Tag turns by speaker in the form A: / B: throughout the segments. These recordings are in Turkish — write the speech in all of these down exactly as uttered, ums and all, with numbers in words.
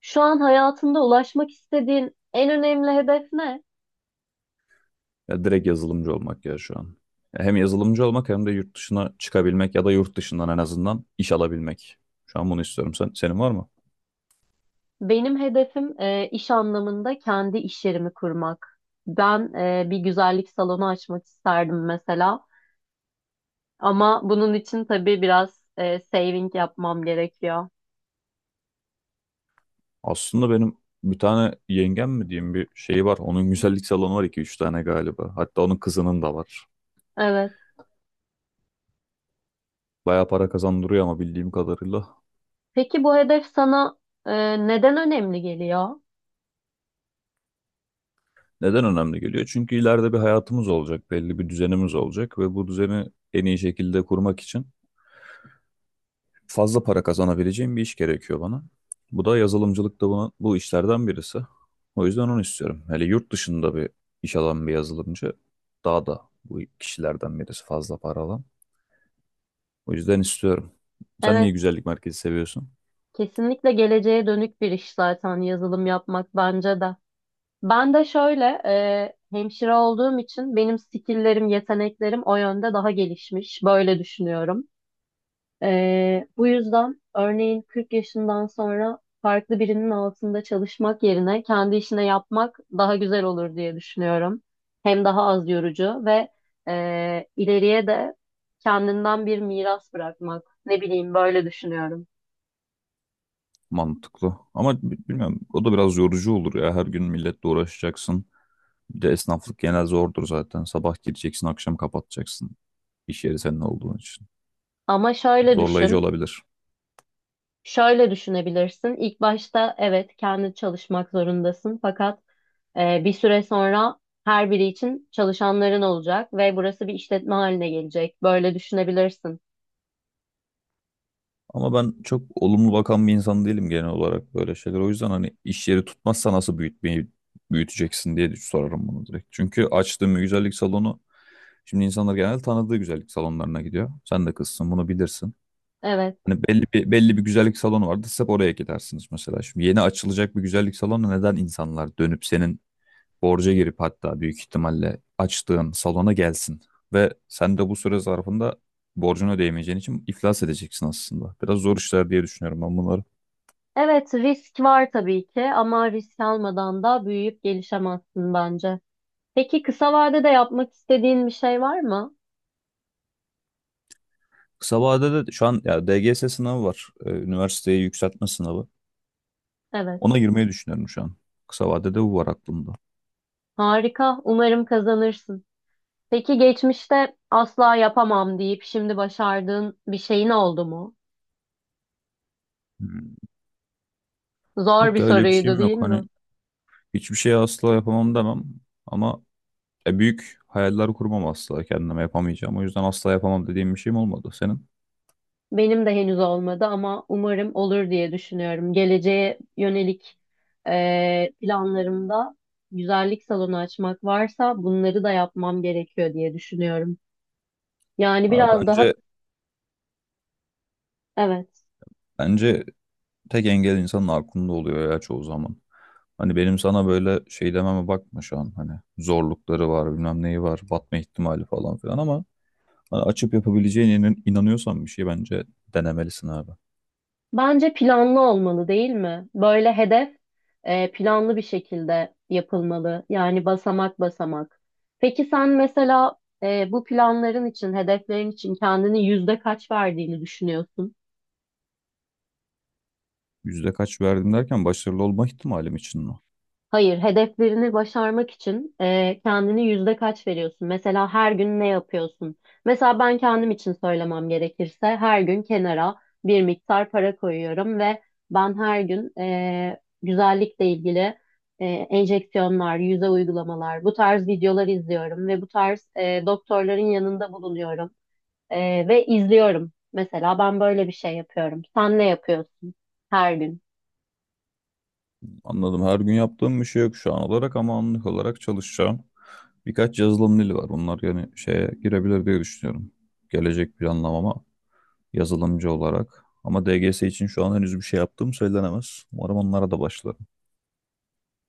A: Şu an hayatında ulaşmak istediğin en önemli hedef ne?
B: Ya direkt yazılımcı olmak ya şu an. Ya hem yazılımcı olmak hem de yurt dışına çıkabilmek ya da yurt dışından en azından iş alabilmek. Şu an bunu istiyorum. Sen, senin var mı?
A: Benim hedefim e, iş anlamında kendi iş yerimi kurmak. Ben e, bir güzellik salonu açmak isterdim mesela. Ama bunun için tabii biraz e, saving yapmam gerekiyor.
B: Aslında benim bir tane yengem mi diyeyim bir şeyi var. Onun güzellik salonu var iki üç tane galiba. Hatta onun kızının da var.
A: Evet.
B: Bayağı para kazandırıyor ama bildiğim kadarıyla.
A: Peki bu hedef sana e, neden önemli geliyor?
B: Neden önemli geliyor? Çünkü ileride bir hayatımız olacak, belli bir düzenimiz olacak ve bu düzeni en iyi şekilde kurmak için fazla para kazanabileceğim bir iş gerekiyor bana. Bu da yazılımcılık da buna, bu işlerden birisi. O yüzden onu istiyorum. Hele yurt dışında bir iş alan bir yazılımcı daha da bu kişilerden birisi fazla para alan. O yüzden istiyorum. Sen niye
A: Evet,
B: güzellik merkezi seviyorsun?
A: kesinlikle geleceğe dönük bir iş zaten yazılım yapmak bence de. Ben de şöyle e, hemşire olduğum için benim skilllerim, yeteneklerim o yönde daha gelişmiş. Böyle düşünüyorum. E, bu yüzden örneğin kırk yaşından sonra farklı birinin altında çalışmak yerine kendi işine yapmak daha güzel olur diye düşünüyorum. Hem daha az yorucu ve e, ileriye de kendinden bir miras bırakmak. Ne bileyim böyle düşünüyorum.
B: Mantıklı. Ama bi- bilmiyorum, o da biraz yorucu olur ya. Her gün milletle uğraşacaksın. Bir de esnaflık genel zordur zaten. Sabah gireceksin, akşam kapatacaksın. İş yeri senin olduğun için.
A: Ama şöyle
B: Zorlayıcı
A: düşün.
B: olabilir.
A: Şöyle düşünebilirsin. İlk başta evet kendi çalışmak zorundasın fakat e, bir süre sonra her biri için çalışanların olacak ve burası bir işletme haline gelecek. Böyle düşünebilirsin.
B: Ama ben çok olumlu bakan bir insan değilim genel olarak böyle şeyler. O yüzden hani iş yeri tutmazsa nasıl büyütmeyi büyüteceksin diye sorarım bunu direkt. Çünkü açtığım bir güzellik salonu, şimdi insanlar genelde tanıdığı güzellik salonlarına gidiyor. Sen de kızsın, bunu bilirsin.
A: Evet.
B: Hani belli bir belli bir güzellik salonu vardı. Siz hep oraya gidersiniz mesela. Şimdi yeni açılacak bir güzellik salonu neden insanlar dönüp senin borca girip hatta büyük ihtimalle açtığın salona gelsin. Ve sen de bu süre zarfında borcunu ödeyemeyeceğin için iflas edeceksin aslında. Biraz zor işler diye düşünüyorum ben bunları.
A: Evet risk var tabii ki ama risk almadan da büyüyüp gelişemezsin bence. Peki kısa vadede yapmak istediğin bir şey var mı?
B: Kısa vadede de şu an ya D G S sınavı var. Ee, Üniversiteye yükseltme sınavı.
A: Evet.
B: Ona girmeyi düşünüyorum şu an. Kısa vadede bu var aklımda.
A: Harika. Umarım kazanırsın. Peki geçmişte asla yapamam deyip şimdi başardığın bir şeyin oldu mu?
B: Hmm.
A: Zor
B: Yok
A: bir
B: ya, öyle bir
A: soruydu
B: şeyim
A: değil
B: yok. Hani
A: mi?
B: hiçbir şey asla yapamam demem. Ama e, büyük hayaller kurmam, asla kendime yapamayacağım. O yüzden asla yapamam dediğim bir şeyim olmadı. Senin?
A: Benim de henüz olmadı ama umarım olur diye düşünüyorum. Geleceğe yönelik eee, planlarımda güzellik salonu açmak varsa bunları da yapmam gerekiyor diye düşünüyorum. Yani
B: Ha,
A: biraz daha
B: bence
A: evet.
B: Bence tek engel insanın aklında oluyor ya çoğu zaman. Hani benim sana böyle şey dememe bakma şu an. Hani zorlukları var, bilmem neyi var, batma ihtimali falan filan ama hani açıp yapabileceğine inan- inanıyorsan bir şey, bence denemelisin abi.
A: Bence planlı olmalı değil mi? Böyle hedef eee, planlı bir şekilde yapılmalı. Yani basamak basamak. Peki sen mesela eee, bu planların için, hedeflerin için kendini yüzde kaç verdiğini düşünüyorsun?
B: Yüzde kaç verdim derken başarılı olma ihtimalim için mi?
A: Hayır, hedeflerini başarmak için e, kendini yüzde kaç veriyorsun? Mesela her gün ne yapıyorsun? Mesela ben kendim için söylemem gerekirse her gün kenara bir miktar para koyuyorum ve ben her gün e, güzellikle ilgili e, enjeksiyonlar, yüze uygulamalar, bu tarz videolar izliyorum ve bu tarz e, doktorların yanında bulunuyorum e, ve izliyorum. Mesela ben böyle bir şey yapıyorum. Sen ne yapıyorsun her gün?
B: Anladım. Her gün yaptığım bir şey yok şu an olarak ama anlık olarak çalışacağım. Birkaç yazılım dili var. Bunlar yani şeye girebilir diye düşünüyorum. Gelecek planlamama, yazılımcı olarak. Ama D G S için şu an henüz bir şey yaptığım söylenemez. Umarım onlara da başlarım.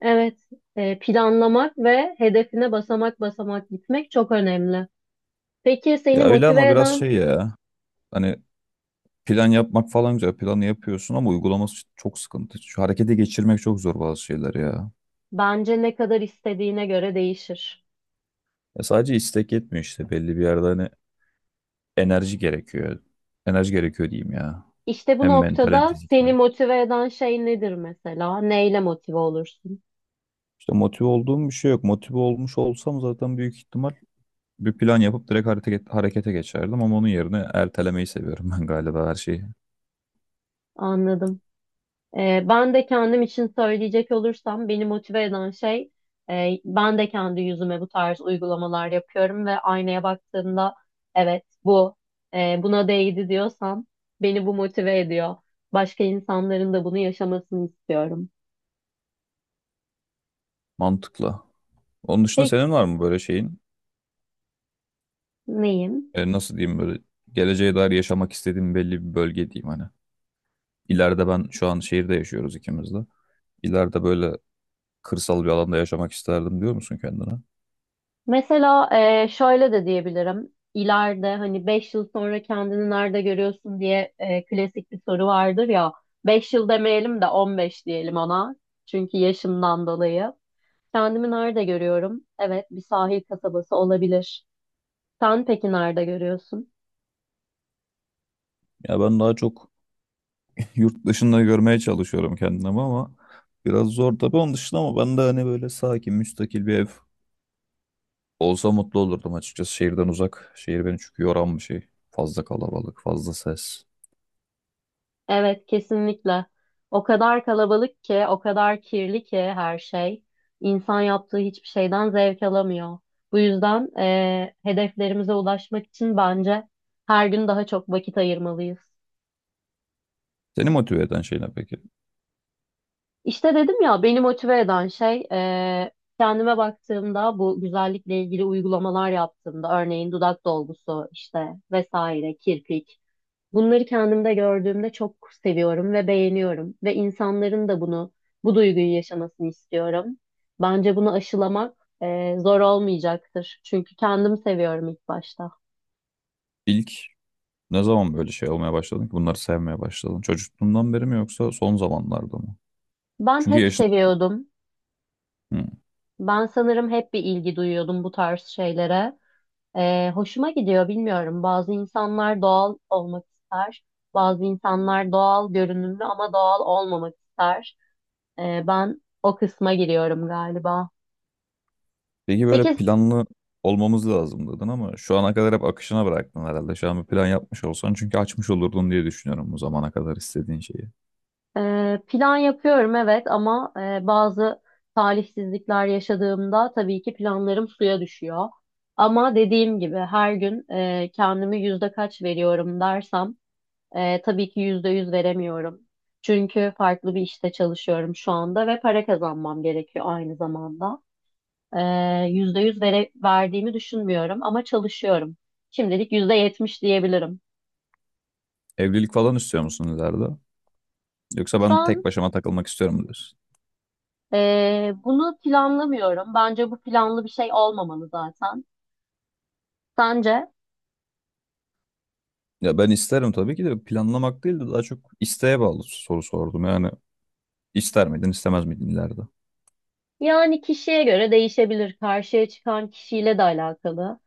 A: Evet, e, planlamak ve hedefine basamak basamak gitmek çok önemli. Peki
B: Ya
A: seni
B: öyle ama
A: motive
B: biraz
A: eden
B: şey ya. Hani plan yapmak falan güzel. Planı yapıyorsun ama uygulaması çok sıkıntı. Şu harekete geçirmek çok zor bazı şeyler ya.
A: bence ne kadar istediğine göre değişir.
B: Ya sadece istek yetmiyor işte. Belli bir yerde hani enerji gerekiyor. Enerji gerekiyor diyeyim ya.
A: İşte bu
B: Hem mental hem
A: noktada seni
B: fiziksel.
A: motive eden şey nedir mesela? Neyle motive olursun?
B: İşte motive olduğum bir şey yok. Motive olmuş olsam zaten büyük ihtimal bir plan yapıp direkt hareket, harekete geçerdim ama onun yerine ertelemeyi seviyorum ben galiba her şeyi.
A: Anladım. Ee, ben de kendim için söyleyecek olursam beni motive eden şey e, ben de kendi yüzüme bu tarz uygulamalar yapıyorum ve aynaya baktığımda evet bu e, buna değdi diyorsam beni bu motive ediyor. Başka insanların da bunu yaşamasını istiyorum.
B: Mantıklı. Onun dışında
A: Peki
B: senin var mı böyle şeyin?
A: neyim?
B: E, nasıl diyeyim, böyle geleceğe dair yaşamak istediğin belli bir bölge diyeyim hani. İleride, ben şu an şehirde yaşıyoruz ikimiz de. İleride böyle kırsal bir alanda yaşamak isterdim diyor musun kendine?
A: Mesela e, şöyle de diyebilirim. İleride hani beş yıl sonra kendini nerede görüyorsun diye e, klasik bir soru vardır ya. Beş yıl demeyelim de on beş diyelim ona. Çünkü yaşımdan dolayı. Kendimi nerede görüyorum? Evet, bir sahil kasabası olabilir. Sen peki nerede görüyorsun?
B: Ya ben daha çok yurt dışında görmeye çalışıyorum kendimi ama biraz zor tabii onun dışında, ama ben de hani böyle sakin, müstakil bir ev olsa mutlu olurdum açıkçası, şehirden uzak. Şehir beni çünkü yoran bir şey. Fazla kalabalık, fazla ses.
A: Evet, kesinlikle. O kadar kalabalık ki, o kadar kirli ki her şey. İnsan yaptığı hiçbir şeyden zevk alamıyor. Bu yüzden eee, hedeflerimize ulaşmak için bence her gün daha çok vakit ayırmalıyız.
B: Seni motive eden şey ne peki?
A: İşte dedim ya, beni motive eden şey eee, kendime baktığımda bu güzellikle ilgili uygulamalar yaptığımda, örneğin dudak dolgusu işte vesaire, kirpik. Bunları kendimde gördüğümde çok seviyorum ve beğeniyorum ve insanların da bunu, bu duyguyu yaşamasını istiyorum. Bence bunu aşılamak e, zor olmayacaktır. Çünkü kendim seviyorum ilk başta.
B: İlk, ne zaman böyle şey olmaya başladın ki, bunları sevmeye başladın? Çocukluğundan beri mi yoksa son zamanlarda mı?
A: Ben
B: Çünkü
A: hep
B: yaşın...
A: seviyordum.
B: Hı.
A: Ben sanırım hep bir ilgi duyuyordum bu tarz şeylere. E, hoşuma gidiyor, bilmiyorum. Bazı insanlar doğal olmak ister. Bazı insanlar doğal görünümlü ama doğal olmamak ister. E, ben o kısma giriyorum galiba.
B: Peki böyle
A: Peki
B: planlı olmamız lazım dedin ama şu ana kadar hep akışına bıraktın herhalde. Şu an bir plan yapmış olsan çünkü açmış olurdun diye düşünüyorum, bu zamana kadar istediğin şeyi.
A: Ee, plan yapıyorum evet ama e, bazı talihsizlikler yaşadığımda tabii ki planlarım suya düşüyor. Ama dediğim gibi her gün e, kendimi yüzde kaç veriyorum dersem e, tabii ki yüzde yüz veremiyorum. Çünkü farklı bir işte çalışıyorum şu anda ve para kazanmam gerekiyor aynı zamanda. Ee, Yüzde yüz vere, verdiğimi düşünmüyorum ama çalışıyorum. Şimdilik yüzde yetmiş diyebilirim.
B: Evlilik falan istiyor musun ileride? Yoksa
A: Şu
B: ben tek
A: an
B: başıma takılmak istiyorum mu diyorsun?
A: Ee, bunu planlamıyorum. Bence bu planlı bir şey olmamalı zaten. Sence?
B: Ya ben isterim tabii ki de, planlamak değil de daha çok isteğe bağlı soru sordum. Yani ister miydin istemez miydin ileride?
A: Yani kişiye göre değişebilir. Karşıya çıkan kişiyle de alakalı.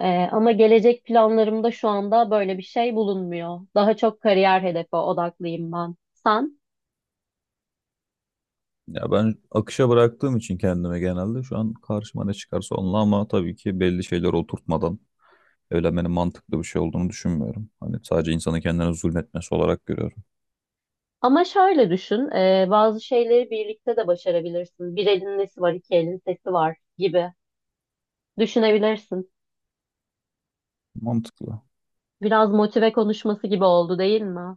A: Ee, ama gelecek planlarımda şu anda böyle bir şey bulunmuyor. Daha çok kariyer hedefe odaklıyım ben. Sen?
B: Ya ben akışa bıraktığım için kendime, genelde şu an karşıma ne çıkarsa onunla, ama tabii ki belli şeyler oturtmadan evlenmenin mantıklı bir şey olduğunu düşünmüyorum. Hani sadece insanın kendine zulmetmesi olarak görüyorum.
A: Ama şöyle düşün, e, bazı şeyleri birlikte de başarabilirsin. Bir elin nesi var, iki elin sesi var gibi düşünebilirsin.
B: Mantıklı.
A: Biraz motive konuşması gibi oldu değil mi?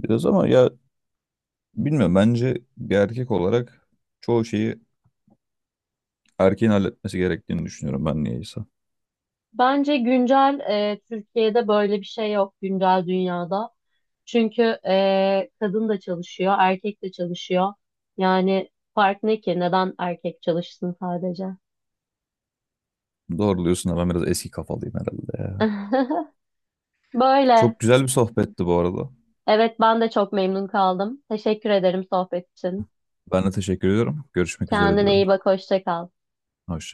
B: Biraz ama ya bilmiyorum, bence bir erkek olarak çoğu şeyi erkeğin halletmesi gerektiğini düşünüyorum ben niyeyse.
A: Bence güncel e, Türkiye'de böyle bir şey yok güncel dünyada. Çünkü e, kadın da çalışıyor, erkek de çalışıyor. Yani fark ne ki? Neden erkek çalışsın sadece?
B: Doğru diyorsun ama ben biraz eski kafalıyım herhalde ya. Çok
A: Böyle.
B: güzel bir sohbetti bu arada.
A: Evet ben de çok memnun kaldım. Teşekkür ederim sohbet için.
B: Ben de teşekkür ediyorum. Görüşmek üzere
A: Kendine
B: diyorum.
A: iyi bak, hoşça kal.
B: Hoşça